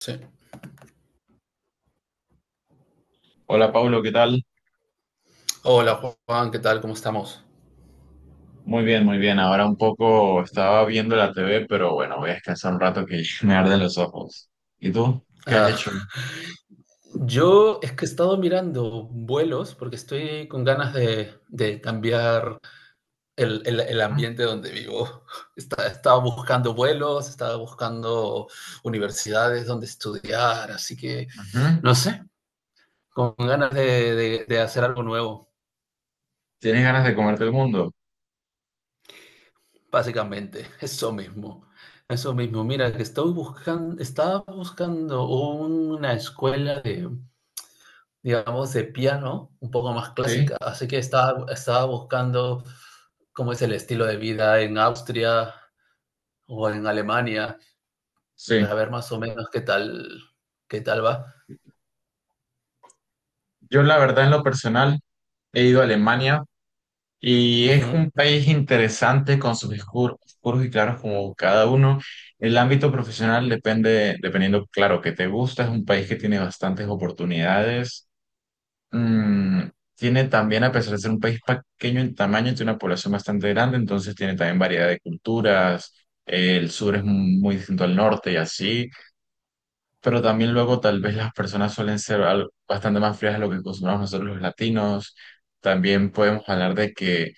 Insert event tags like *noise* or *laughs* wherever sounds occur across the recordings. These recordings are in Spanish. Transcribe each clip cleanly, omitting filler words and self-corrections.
Sí. Hola Pablo, ¿qué tal? Hola Juan, ¿qué tal? ¿Cómo estamos? Muy bien, muy bien. Ahora un poco estaba viendo la TV, pero bueno, voy a descansar un rato que *laughs* me arden los ojos. ¿Y tú? ¿Qué has hecho? Ah, yo es que he estado mirando vuelos porque estoy con ganas de cambiar el Ah, ambiente donde vivo. Estaba buscando vuelos, estaba buscando universidades donde estudiar, así que ujú. no sé, con ganas de hacer algo nuevo, ¿Tienes ganas de comerte el mundo? básicamente. Eso mismo, eso mismo. Mira, que estoy buscando, estaba buscando una escuela, digamos, de piano, un poco más Sí, clásica. Así que estaba, estaba buscando cómo es el estilo de vida en Austria o en Alemania sí. para ver más o menos qué tal va. Yo la verdad en lo personal he ido a Alemania y es Ujú, un país interesante con sus oscuros, oscuros y claros como cada uno. El ámbito profesional depende, dependiendo, claro, que te gusta, es un país que tiene bastantes oportunidades. Mm, tiene también, a pesar de ser un país pequeño en tamaño, tiene una población bastante grande, entonces tiene también variedad de culturas. El sur es muy distinto al norte y así, pero también luego tal vez las personas suelen ser bastante más frías a lo que acostumbramos nosotros los latinos. También podemos hablar de que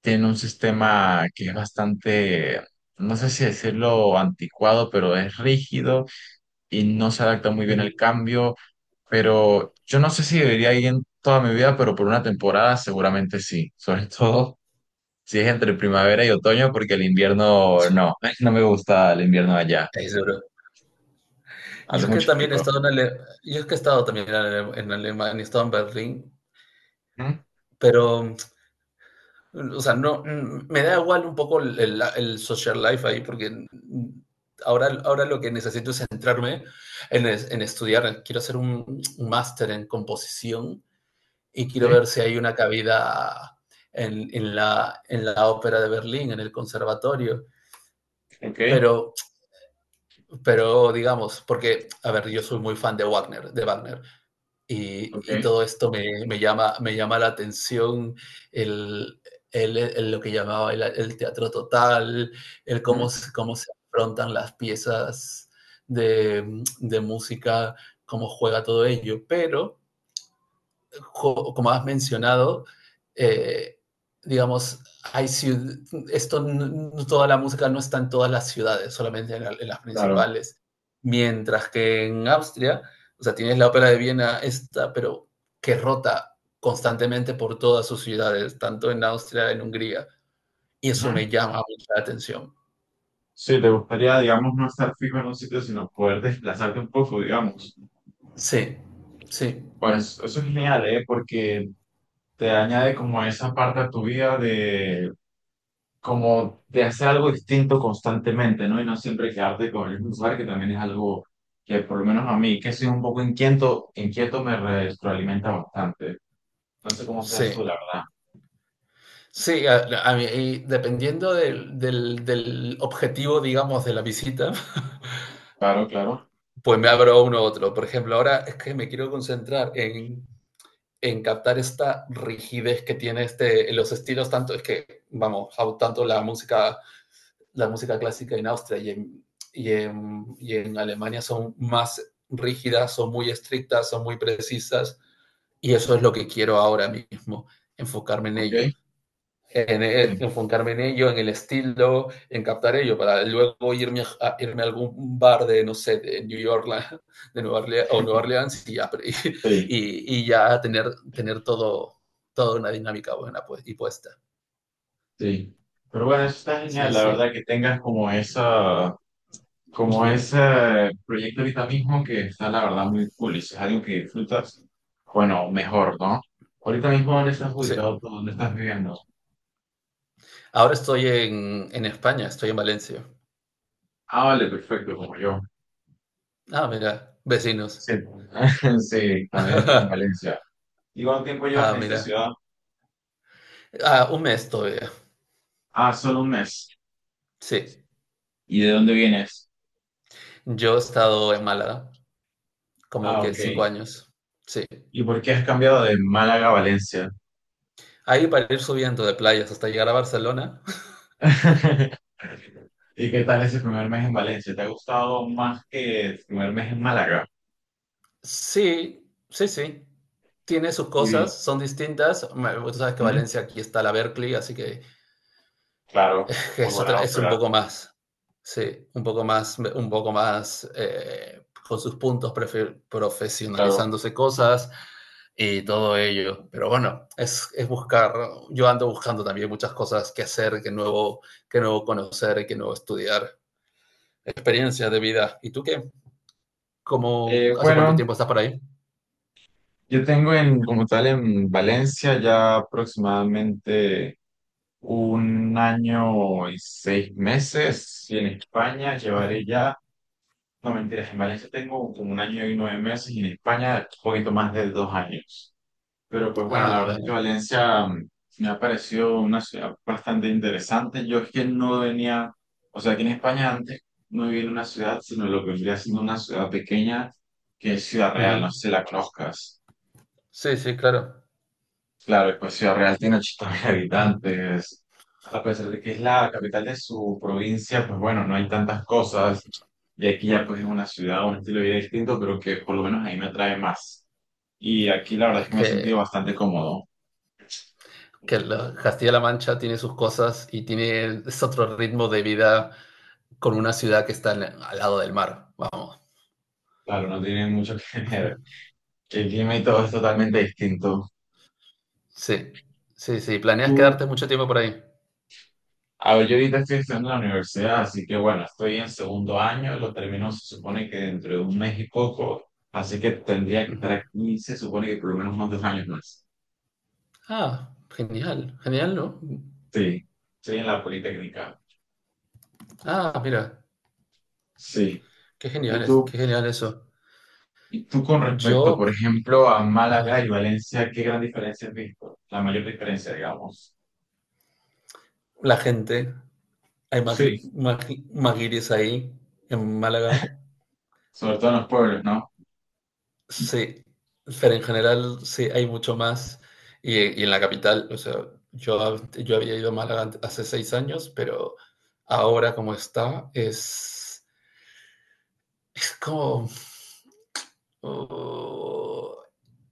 tiene un sistema que es bastante, no sé si decirlo anticuado, pero es rígido y no se adapta muy bien ujú. al cambio, pero yo no sé si debería ir en toda mi vida, pero por una temporada seguramente sí, sobre *laughs* todo si es entre primavera y otoño, porque el invierno no, *laughs* no me gusta el invierno allá, Es duro. Yo hace es que mucho también he frío. estado en yo es que he estado también en, en Alemania, he estado en Berlín, ¿Mm? pero o sea, no, me da igual un poco el social life ahí, porque ahora, ahora lo que necesito es centrarme en, en estudiar. Quiero hacer un máster en composición y quiero Sí, ver si hay una cabida en la ópera de Berlín, en el conservatorio. ok, Pero, pero digamos, porque, a ver, yo soy muy fan de Wagner, de Wagner. ok. Y todo esto me, me llama la atención, el, lo que llamaba el teatro total, el ¿Mm? cómo, cómo se afrontan las piezas de música, cómo juega todo ello. Pero como has mencionado, eh, digamos, hay esto, toda la música no está en todas las ciudades, solamente en, la, en las Claro. principales. Mientras que en Austria, o sea, tienes la ópera de Viena esta, pero que rota constantemente por todas sus ciudades, tanto en Austria, en Hungría. Y eso Ujú. me llama mucho la atención. Sí, te gustaría, digamos, no estar fijo en un sitio, sino poder desplazarte un poco, digamos. Sí, sí, Pues eso es genial, ¿eh? Porque te añade como esa parte a tu vida de como de hacer algo distinto constantemente, ¿no? Y no siempre quedarte con el mismo lugar, que también es algo que por lo menos a mí, que soy un poco inquieto, inquieto me retroalimenta bastante. No sé cómo seas tú, sí. la verdad. Sí, a mí, y dependiendo del objetivo, digamos, de la visita, Claro, claro. pues me abro uno u otro. Por ejemplo, ahora es que me quiero concentrar en captar esta rigidez que tiene este, los estilos, tanto es que, vamos, tanto la música clásica en Austria y en, y en Alemania son más rígidas, son muy estrictas, son muy precisas, y eso es lo que quiero ahora mismo, enfocarme en Ok. ello en, *laughs* enfocarme en ello, en el estilo, en captar ello, para luego irme a, irme a algún bar de, no sé, de New York, de Nueva Orleans, o Nueva Orleans y ya, Sí, sí. Y ya tener, tener todo, toda una dinámica buena pues, y puesta. Sí. Pero bueno, eso está genial, Sí, la verdad, sí. que tengas como esa, Uh como -huh. ese proyecto ahorita mismo que está, la verdad, muy cool. Y si es algo que disfrutas, bueno, mejor, ¿no? Ahorita mismo, ¿dónde estás Sí. ubicado tú? ¿Dónde estás viviendo? Ahora estoy en España, estoy en Valencia. Ah, vale, perfecto, como yo. Ah, mira, vecinos. Sí, *laughs* sí, también estoy en *laughs* Valencia. ¿Y cuánto tiempo llevas Ah, en esta mira. ciudad? Ah, un mes todavía. Ah, solo un mes. Sí. ¿Y de dónde vienes? Yo he estado en Málaga como Ah, que ok. 5 años. Sí. ¿Y por qué has cambiado de Málaga a Valencia? Ahí para ir subiendo de playas hasta llegar a Barcelona. *laughs* ¿Y qué tal ese primer mes en Valencia? ¿Te ha gustado más que el primer mes en Málaga? Sí, sí, sí. Tiene sus Y, cosas, son distintas. Bueno, tú sabes que ¿mm? Valencia aquí está la Berkeley, así que Claro, *laughs* muy es, otra, buena es un ópera, poco más. Sí, un poco más, un poco más, con sus puntos claro. profesionalizándose cosas y todo ello. Pero bueno, es, buscar, yo ando buscando también muchas cosas que hacer, que nuevo conocer, que nuevo estudiar, experiencias de vida. ¿Y tú qué? ¿Cómo, hace cuánto Bueno, tiempo estás por ahí? yo tengo en, como tal en Valencia ya aproximadamente un año y 6 meses y en España Ujú. llevaré ya, no mentiras, en Valencia tengo como un año y 9 meses y en España un poquito más de 2 años. Pero pues bueno, la Ah, verdad es que vale. Valencia me ha parecido una ciudad bastante interesante. Yo es que no venía, o sea, aquí en España antes no vivía en una ciudad, sino lo que vendría siendo una ciudad pequeña que es Ciudad Real, no Ujú. sé si la conozcas. Sí, sí, claro. Claro, y pues Ciudad Real tiene 80 mil *laughs* Ujú. habitantes. A pesar de que es la capital de su provincia, pues bueno, no hay tantas cosas. Y aquí ya pues es una ciudad, un estilo de vida distinto, pero que por lo menos ahí me atrae más. Y aquí la verdad Es es que me he sentido bastante cómodo. que Castilla-La Mancha tiene sus cosas y tiene, es otro ritmo de vida con una ciudad que está al lado del mar. Vamos. Claro, no tiene mucho *laughs* que ver. Ujú. El clima y todo es totalmente distinto. Sí, sí, sí. Y ¿Planeas tú, quedarte mucho tiempo por ahí? a ver, yo ahorita estoy estudiando en la universidad, así que bueno, estoy en segundo año, lo termino se supone que dentro de un mes y poco, así que tendría que Ujú. estar aquí, se supone que por lo menos unos 2 años más. Ah, genial, genial, ¿no? Sí, sí, en la Politécnica. Ah, mira, Sí. qué Y genial es, tú, qué genial eso. y tú con respecto, Yo, por ejemplo, a Málaga y ah, Valencia, ¿qué gran diferencia has visto? La mayor diferencia, digamos. la gente, hay Sí. Maguires ahí en Málaga. Sobre todo en los pueblos, ¿no? Sí, pero en general sí hay mucho más. Y en la capital, o sea, yo, yo había ido a Málaga hace 6 años, pero ahora como está, es como, oh,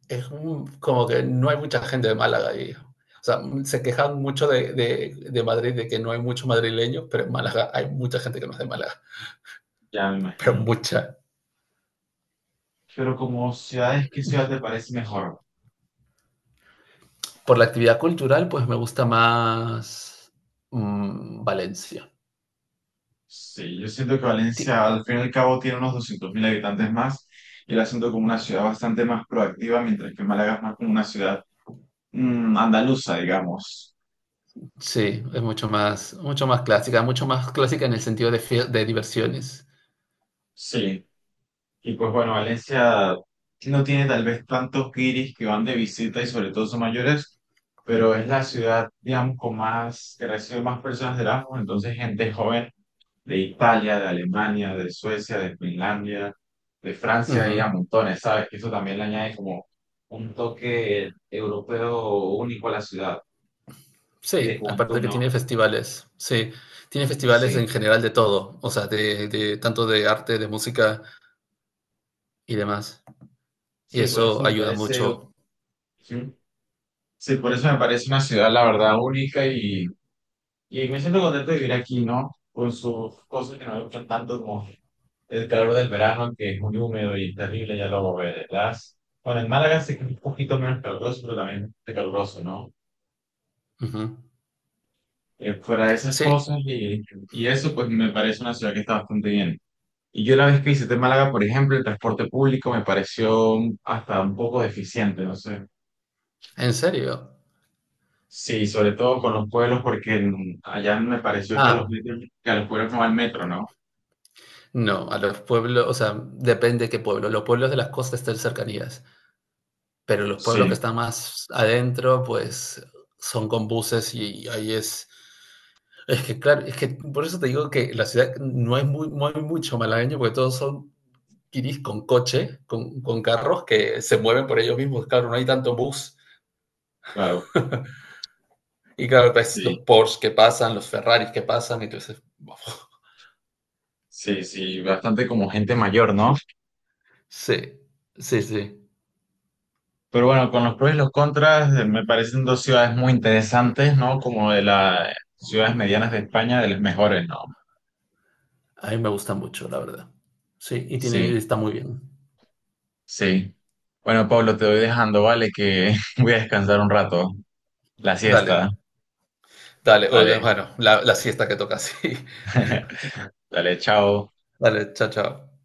es como que no hay mucha gente de Málaga ahí. O sea, se quejan mucho de, de Madrid, de que no hay muchos madrileños, pero en Málaga hay mucha gente que no es de Málaga, Ya me *laughs* pero imagino. mucha. Pero como ciudades, ¿qué ciudad Ujú. te parece mejor? Por la actividad cultural, pues me gusta más, Valencia. Sí, yo siento que Ti- Valencia al fin y al cabo tiene unos 200.000 habitantes más y la siento como una ciudad bastante más proactiva, mientras que Málaga es más como una ciudad andaluza, digamos. Sí, es mucho más clásica en el sentido de, de diversiones. Sí. Y pues bueno, Valencia no tiene tal vez tantos guiris que van de visita y sobre todo son mayores, pero es la ciudad, digamos, con más, que recibe más personas de Erasmus, entonces gente joven de Italia, de Alemania, de Suecia, de Finlandia, de Francia y a Ujú. montones, ¿sabes? Que eso también le añade como un toque europeo único a la ciudad y de Sí, aparte juventud, que ¿no? tiene festivales, sí, tiene festivales en Sí, general de todo, o sea, de tanto de arte, de música y demás. Y sí, por eso eso me ayuda parece, mucho. sí, por eso me parece una ciudad, la verdad, única. Y me siento contento de vivir aquí, ¿no? Con sus cosas que no me gustan tanto como el calor del verano, que es muy húmedo y terrible, ya lo verás. Bueno, en Málaga sí que es un poquito menos caluroso, pero también es caluroso, ¿no? Ujú. Fuera de esas Sí, cosas y eso, pues me parece una ciudad que está bastante bien. Y yo la vez que visité Málaga, por ejemplo, el transporte público me pareció hasta un poco deficiente, no sé. en serio. Sí, sobre todo con los pueblos, porque allá me pareció que Ah, que a los pueblos no va el metro, ¿no? no, a los pueblos, o sea, depende qué pueblo. Los pueblos de las costas están cercanías, pero los pueblos que Sí, están más adentro, pues son con buses y ahí es. Es que, claro, es que por eso te digo que la ciudad no hay, muy, no hay mucho malagueño, porque todos son kiris con coche, con carros que se mueven por ellos mismos. Claro, no hay tanto bus. claro. Y claro, ves Sí, los Porsche que pasan, los Ferraris que pasan, y tú dices, "Wow". sí, sí, bastante como gente mayor, ¿no? Sí, sí, sí. Pero bueno, con los pros y los contras, me parecen dos ciudades muy interesantes, ¿no? Como de las ciudades medianas de España, de las mejores, ¿no? A mí me gusta mucho, la verdad. Sí, y tiene, Sí, está muy bien. sí. Bueno, Pablo, te voy dejando, ¿vale? Que *laughs* voy a descansar un rato, la Dale, siesta. dale. Dale, Bueno, la siesta que toca, *laughs* sí. *laughs* dale, chao. Dale, chao, chao.